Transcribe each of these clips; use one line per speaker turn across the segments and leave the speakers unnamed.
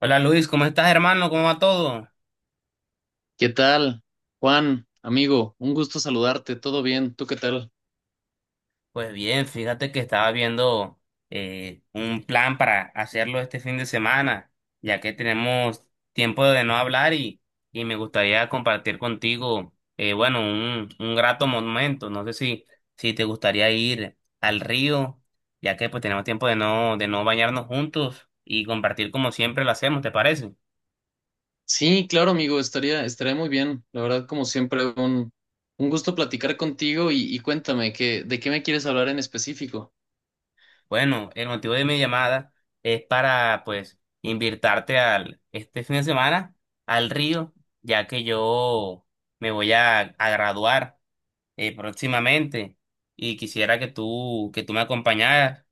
Hola Luis, ¿cómo estás hermano? ¿Cómo va todo?
¿Qué tal, Juan, amigo? Un gusto saludarte, todo bien, ¿tú qué tal?
Pues bien, fíjate que estaba viendo un plan para hacerlo este fin de semana, ya que tenemos tiempo de no hablar y me gustaría compartir contigo, bueno, un grato momento. No sé si te gustaría ir al río, ya que pues tenemos tiempo de de no bañarnos juntos y compartir como siempre lo hacemos, ¿te parece?
Sí, claro, amigo, estaría muy bien. La verdad, como siempre, un gusto platicar contigo y cuéntame, ¿de qué me quieres hablar en específico?
Bueno, el motivo de mi llamada es para, pues, invitarte al, este fin de semana al río, ya que yo me voy a graduar próximamente y quisiera que que tú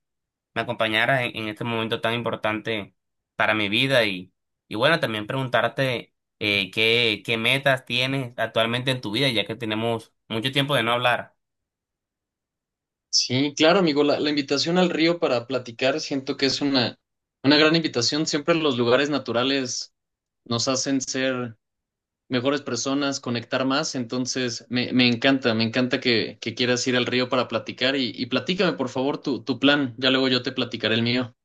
me acompañaras en este momento tan importante para mi vida y bueno, también preguntarte qué metas tienes actualmente en tu vida, ya que tenemos mucho tiempo de no hablar.
Sí, claro, amigo, la invitación al río para platicar siento que es una gran invitación. Siempre los lugares naturales nos hacen ser mejores personas, conectar más. Entonces, me encanta, me encanta que quieras ir al río para platicar y platícame, por favor, tu plan. Ya luego yo te platicaré el mío.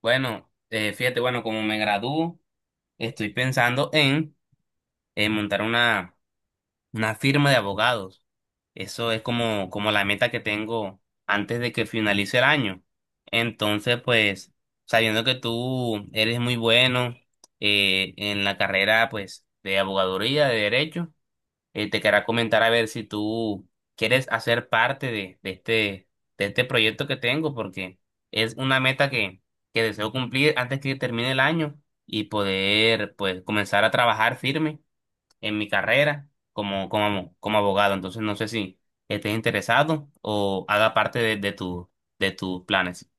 Bueno, fíjate, bueno, como me gradúo, estoy pensando en montar una firma de abogados. Eso es como, como la meta que tengo antes de que finalice el año. Entonces, pues, sabiendo que tú eres muy bueno en la carrera, pues, de abogaduría, de derecho, te quería comentar a ver si tú quieres hacer parte de este proyecto que tengo, porque es una meta que deseo cumplir antes que termine el año y poder, pues, comenzar a trabajar firme en mi carrera como, como, como abogado. Entonces no sé si estés interesado o haga parte de tu, de tus planes.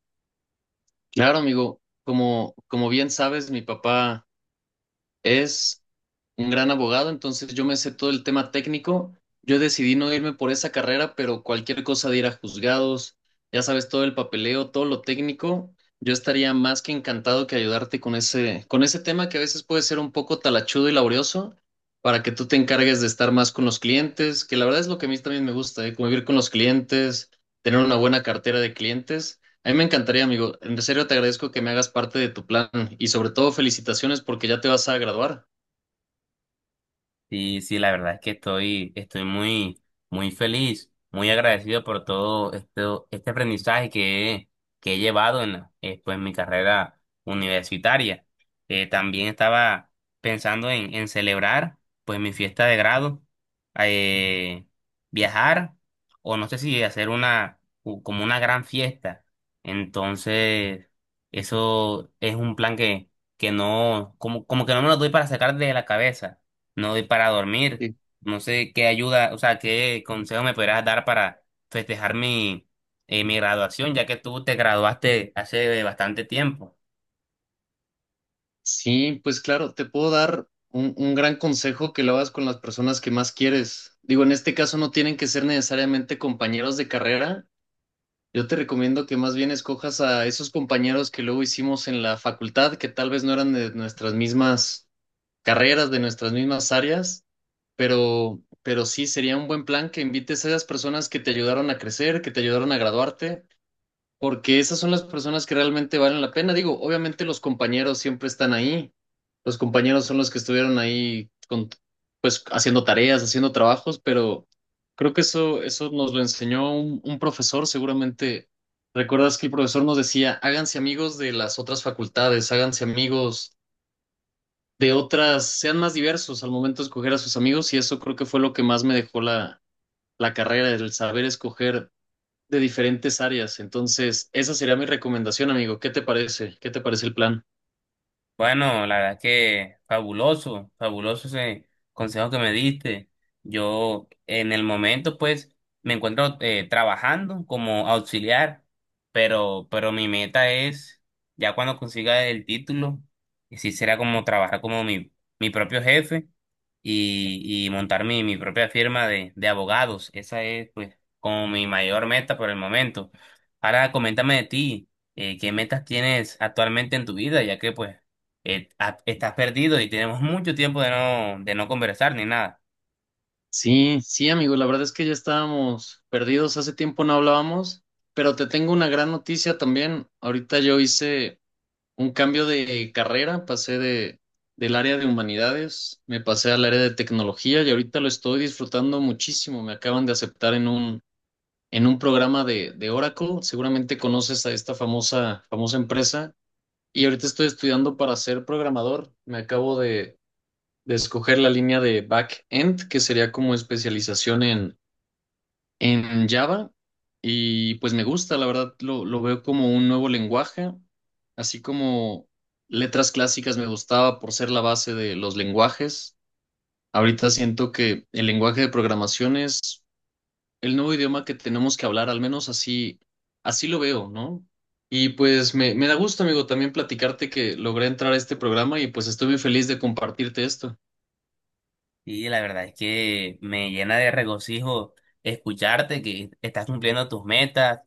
Claro, amigo, como bien sabes, mi papá es un gran abogado, entonces yo me sé todo el tema técnico. Yo decidí no irme por esa carrera, pero cualquier cosa de ir a juzgados, ya sabes, todo el papeleo, todo lo técnico, yo estaría más que encantado que ayudarte con ese tema que a veces puede ser un poco talachudo y laborioso, para que tú te encargues de estar más con los clientes, que la verdad es lo que a mí también me gusta, ¿eh? Convivir con los clientes, tener una buena cartera de clientes. A mí me encantaría, amigo. En serio, te agradezco que me hagas parte de tu plan y sobre todo felicitaciones porque ya te vas a graduar.
Sí, sí, la verdad es que estoy, estoy muy, muy feliz, muy agradecido por todo esto, este aprendizaje que que he llevado en, pues, en mi carrera universitaria. También estaba pensando en celebrar pues mi fiesta de grado, eh, viajar o no sé si hacer como una gran fiesta. Entonces, eso es un plan que no, como, como que no me lo doy para sacar de la cabeza no doy para dormir. No sé qué ayuda, o sea, qué consejo me podrás dar para festejar mi graduación, ya que tú te graduaste hace bastante tiempo.
Sí, pues claro, te puedo dar un gran consejo que lo hagas con las personas que más quieres. Digo, en este caso no tienen que ser necesariamente compañeros de carrera. Yo te recomiendo que más bien escojas a esos compañeros que luego hicimos en la facultad, que tal vez no eran de nuestras mismas carreras, de nuestras mismas áreas, pero sí sería un buen plan que invites a esas personas que te ayudaron a crecer, que te ayudaron a graduarte porque esas son las personas que realmente valen la pena. Digo, obviamente los compañeros siempre están ahí. Los compañeros son los que estuvieron ahí con, pues haciendo tareas, haciendo trabajos, pero creo que eso nos lo enseñó un profesor, seguramente. ¿Recuerdas que el profesor nos decía, háganse amigos de las otras facultades, háganse amigos de otras, sean más diversos al momento de escoger a sus amigos? Y eso creo que fue lo que más me dejó la, la carrera, el saber escoger de diferentes áreas. Entonces, esa sería mi recomendación, amigo. ¿Qué te parece? ¿Qué te parece el plan?
Bueno, la verdad que fabuloso, fabuloso ese consejo que me diste. Yo en el momento pues me encuentro trabajando como auxiliar, pero mi meta es, ya cuando consiga el título, que sí será como trabajar como mi propio jefe y montar mi propia firma de abogados. Esa es pues como mi mayor meta por el momento. Ahora coméntame de ti, ¿qué metas tienes actualmente en tu vida? Ya que pues estás perdido y tenemos mucho tiempo de de no conversar ni nada.
Sí, sí, amigo, la verdad es que ya estábamos perdidos, hace tiempo no hablábamos, pero te tengo una gran noticia también. Ahorita yo hice un cambio de carrera, pasé de del área de humanidades, me pasé al área de tecnología y ahorita lo estoy disfrutando muchísimo. Me acaban de aceptar en un programa de Oracle. Seguramente conoces a esta famosa famosa empresa. Y ahorita estoy estudiando para ser programador. Me acabo de escoger la línea de back-end, que sería como especialización en Java. Y pues me gusta, la verdad, lo veo como un nuevo lenguaje, así como letras clásicas me gustaba por ser la base de los lenguajes. Ahorita siento que el lenguaje de programación es el nuevo idioma que tenemos que hablar, al menos así lo veo, ¿no? Y pues me da gusto, amigo, también platicarte que logré entrar a este programa y pues estoy muy feliz de compartirte esto.
Y la verdad es que me llena de regocijo escucharte que estás cumpliendo tus metas,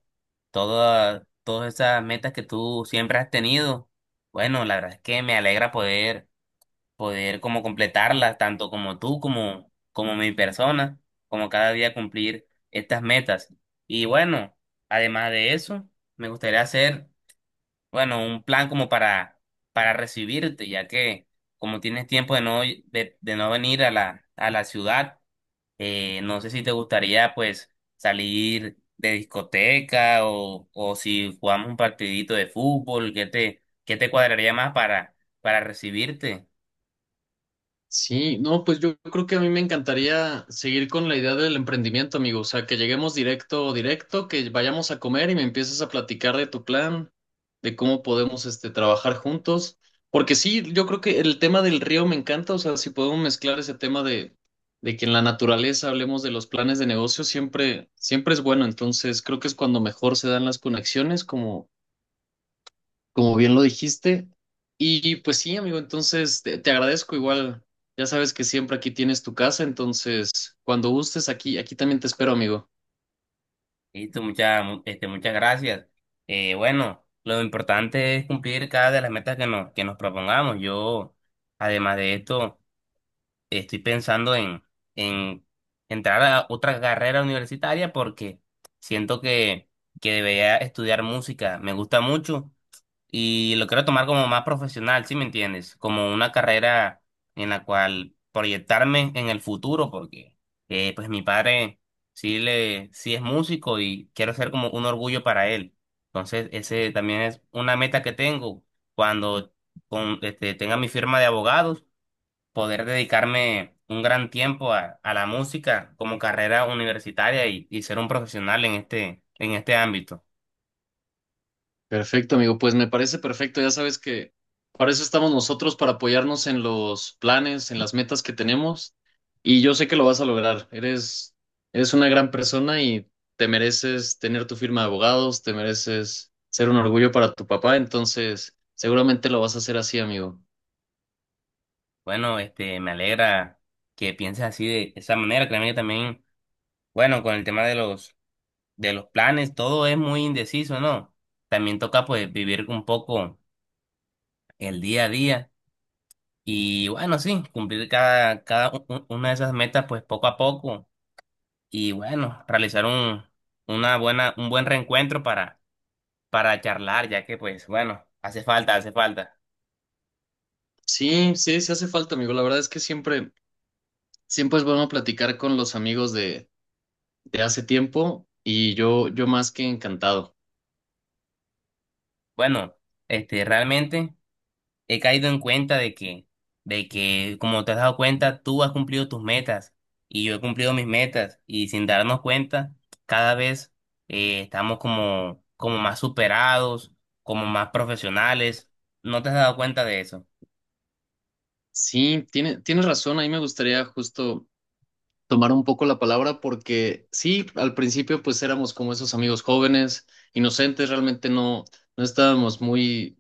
todas, todas esas metas que tú siempre has tenido. Bueno, la verdad es que me alegra poder como completarlas, tanto como tú, como, como mi persona, como cada día cumplir estas metas. Y bueno, además de eso, me gustaría hacer bueno, un plan como para recibirte, ya que como tienes tiempo de no, de no venir a a la ciudad, no sé si te gustaría pues salir de discoteca o si jugamos un partidito de fútbol, qué te cuadraría más para recibirte?
Sí, no, pues yo creo que a mí me encantaría seguir con la idea del emprendimiento, amigo. O sea, que lleguemos directo, que vayamos a comer y me empieces a platicar de tu plan, de cómo podemos, este, trabajar juntos. Porque sí, yo creo que el tema del río me encanta. O sea, si podemos mezclar ese tema de que en la naturaleza hablemos de los planes de negocio, siempre, siempre es bueno. Entonces, creo que es cuando mejor se dan las conexiones, como como bien lo dijiste. Y pues sí, amigo, entonces te agradezco igual. Ya sabes que siempre aquí tienes tu casa, entonces cuando gustes aquí también te espero, amigo.
Listo, muchas, este, muchas gracias. Bueno, lo importante es cumplir cada de las metas que nos propongamos. Yo, además de esto, estoy pensando en entrar a otra carrera universitaria porque siento que debería estudiar música. Me gusta mucho y lo quiero tomar como más profesional, ¿sí me entiendes? Como una carrera en la cual proyectarme en el futuro porque pues mi padre sí, le, sí es músico y quiero ser como un orgullo para él. Entonces, ese también es una meta que tengo cuando con, este, tenga mi firma de abogados poder dedicarme un gran tiempo a la música como carrera universitaria y ser un profesional en este ámbito.
Perfecto, amigo, pues me parece perfecto. Ya sabes que para eso estamos nosotros, para apoyarnos en los planes, en las metas que tenemos. Y yo sé que lo vas a lograr. Eres una gran persona y te mereces tener tu firma de abogados, te mereces ser un orgullo para tu papá, entonces seguramente lo vas a hacer así, amigo.
Bueno, este, me alegra que pienses así de esa manera. Créeme que también, bueno, con el tema de los planes, todo es muy indeciso, ¿no? También toca pues vivir un poco el día a día y bueno, sí, cumplir cada, una de esas metas pues poco a poco y bueno, realizar un, una buena, un buen reencuentro para charlar, ya que pues bueno, hace falta, hace falta.
Sí, sí, sí hace falta, amigo. La verdad es que siempre, siempre es bueno platicar con los amigos de hace tiempo y yo más que encantado.
Bueno, este, realmente he caído en cuenta de de que como te has dado cuenta, tú has cumplido tus metas y yo he cumplido mis metas y sin darnos cuenta, cada vez estamos como, como más superados, como más profesionales. ¿No te has dado cuenta de eso?
Sí, tiene, tienes razón. Ahí me gustaría justo tomar un poco la palabra porque sí, al principio pues éramos como esos amigos jóvenes, inocentes, realmente no estábamos muy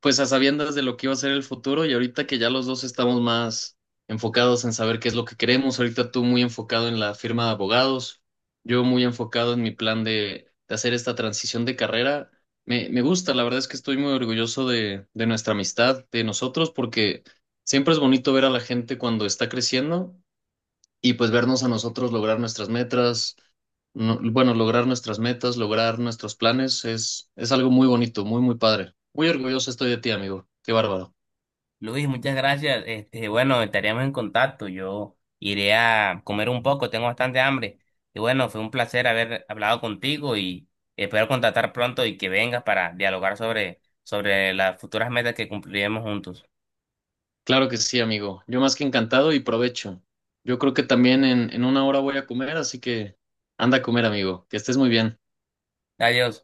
pues a sabiendas de lo que iba a ser el futuro y ahorita que ya los dos estamos más enfocados en saber qué es lo que queremos, ahorita tú muy enfocado en la firma de abogados, yo muy enfocado en mi plan de hacer esta transición de carrera. Me gusta, la verdad es que estoy muy orgulloso de nuestra amistad, de nosotros, porque siempre es bonito ver a la gente cuando está creciendo y pues vernos a nosotros lograr nuestras metas, bueno, lograr nuestras metas, lograr nuestros planes, es algo muy bonito, muy, muy padre. Muy orgulloso estoy de ti, amigo. Qué bárbaro.
Luis, muchas gracias. Este, bueno, estaríamos en contacto. Yo iré a comer un poco, tengo bastante hambre. Y bueno, fue un placer haber hablado contigo y espero contactar pronto y que vengas para dialogar sobre, sobre las futuras metas que cumpliremos juntos.
Claro que sí, amigo. Yo más que encantado y provecho. Yo creo que también en una hora voy a comer, así que anda a comer, amigo. Que estés muy bien.
Adiós.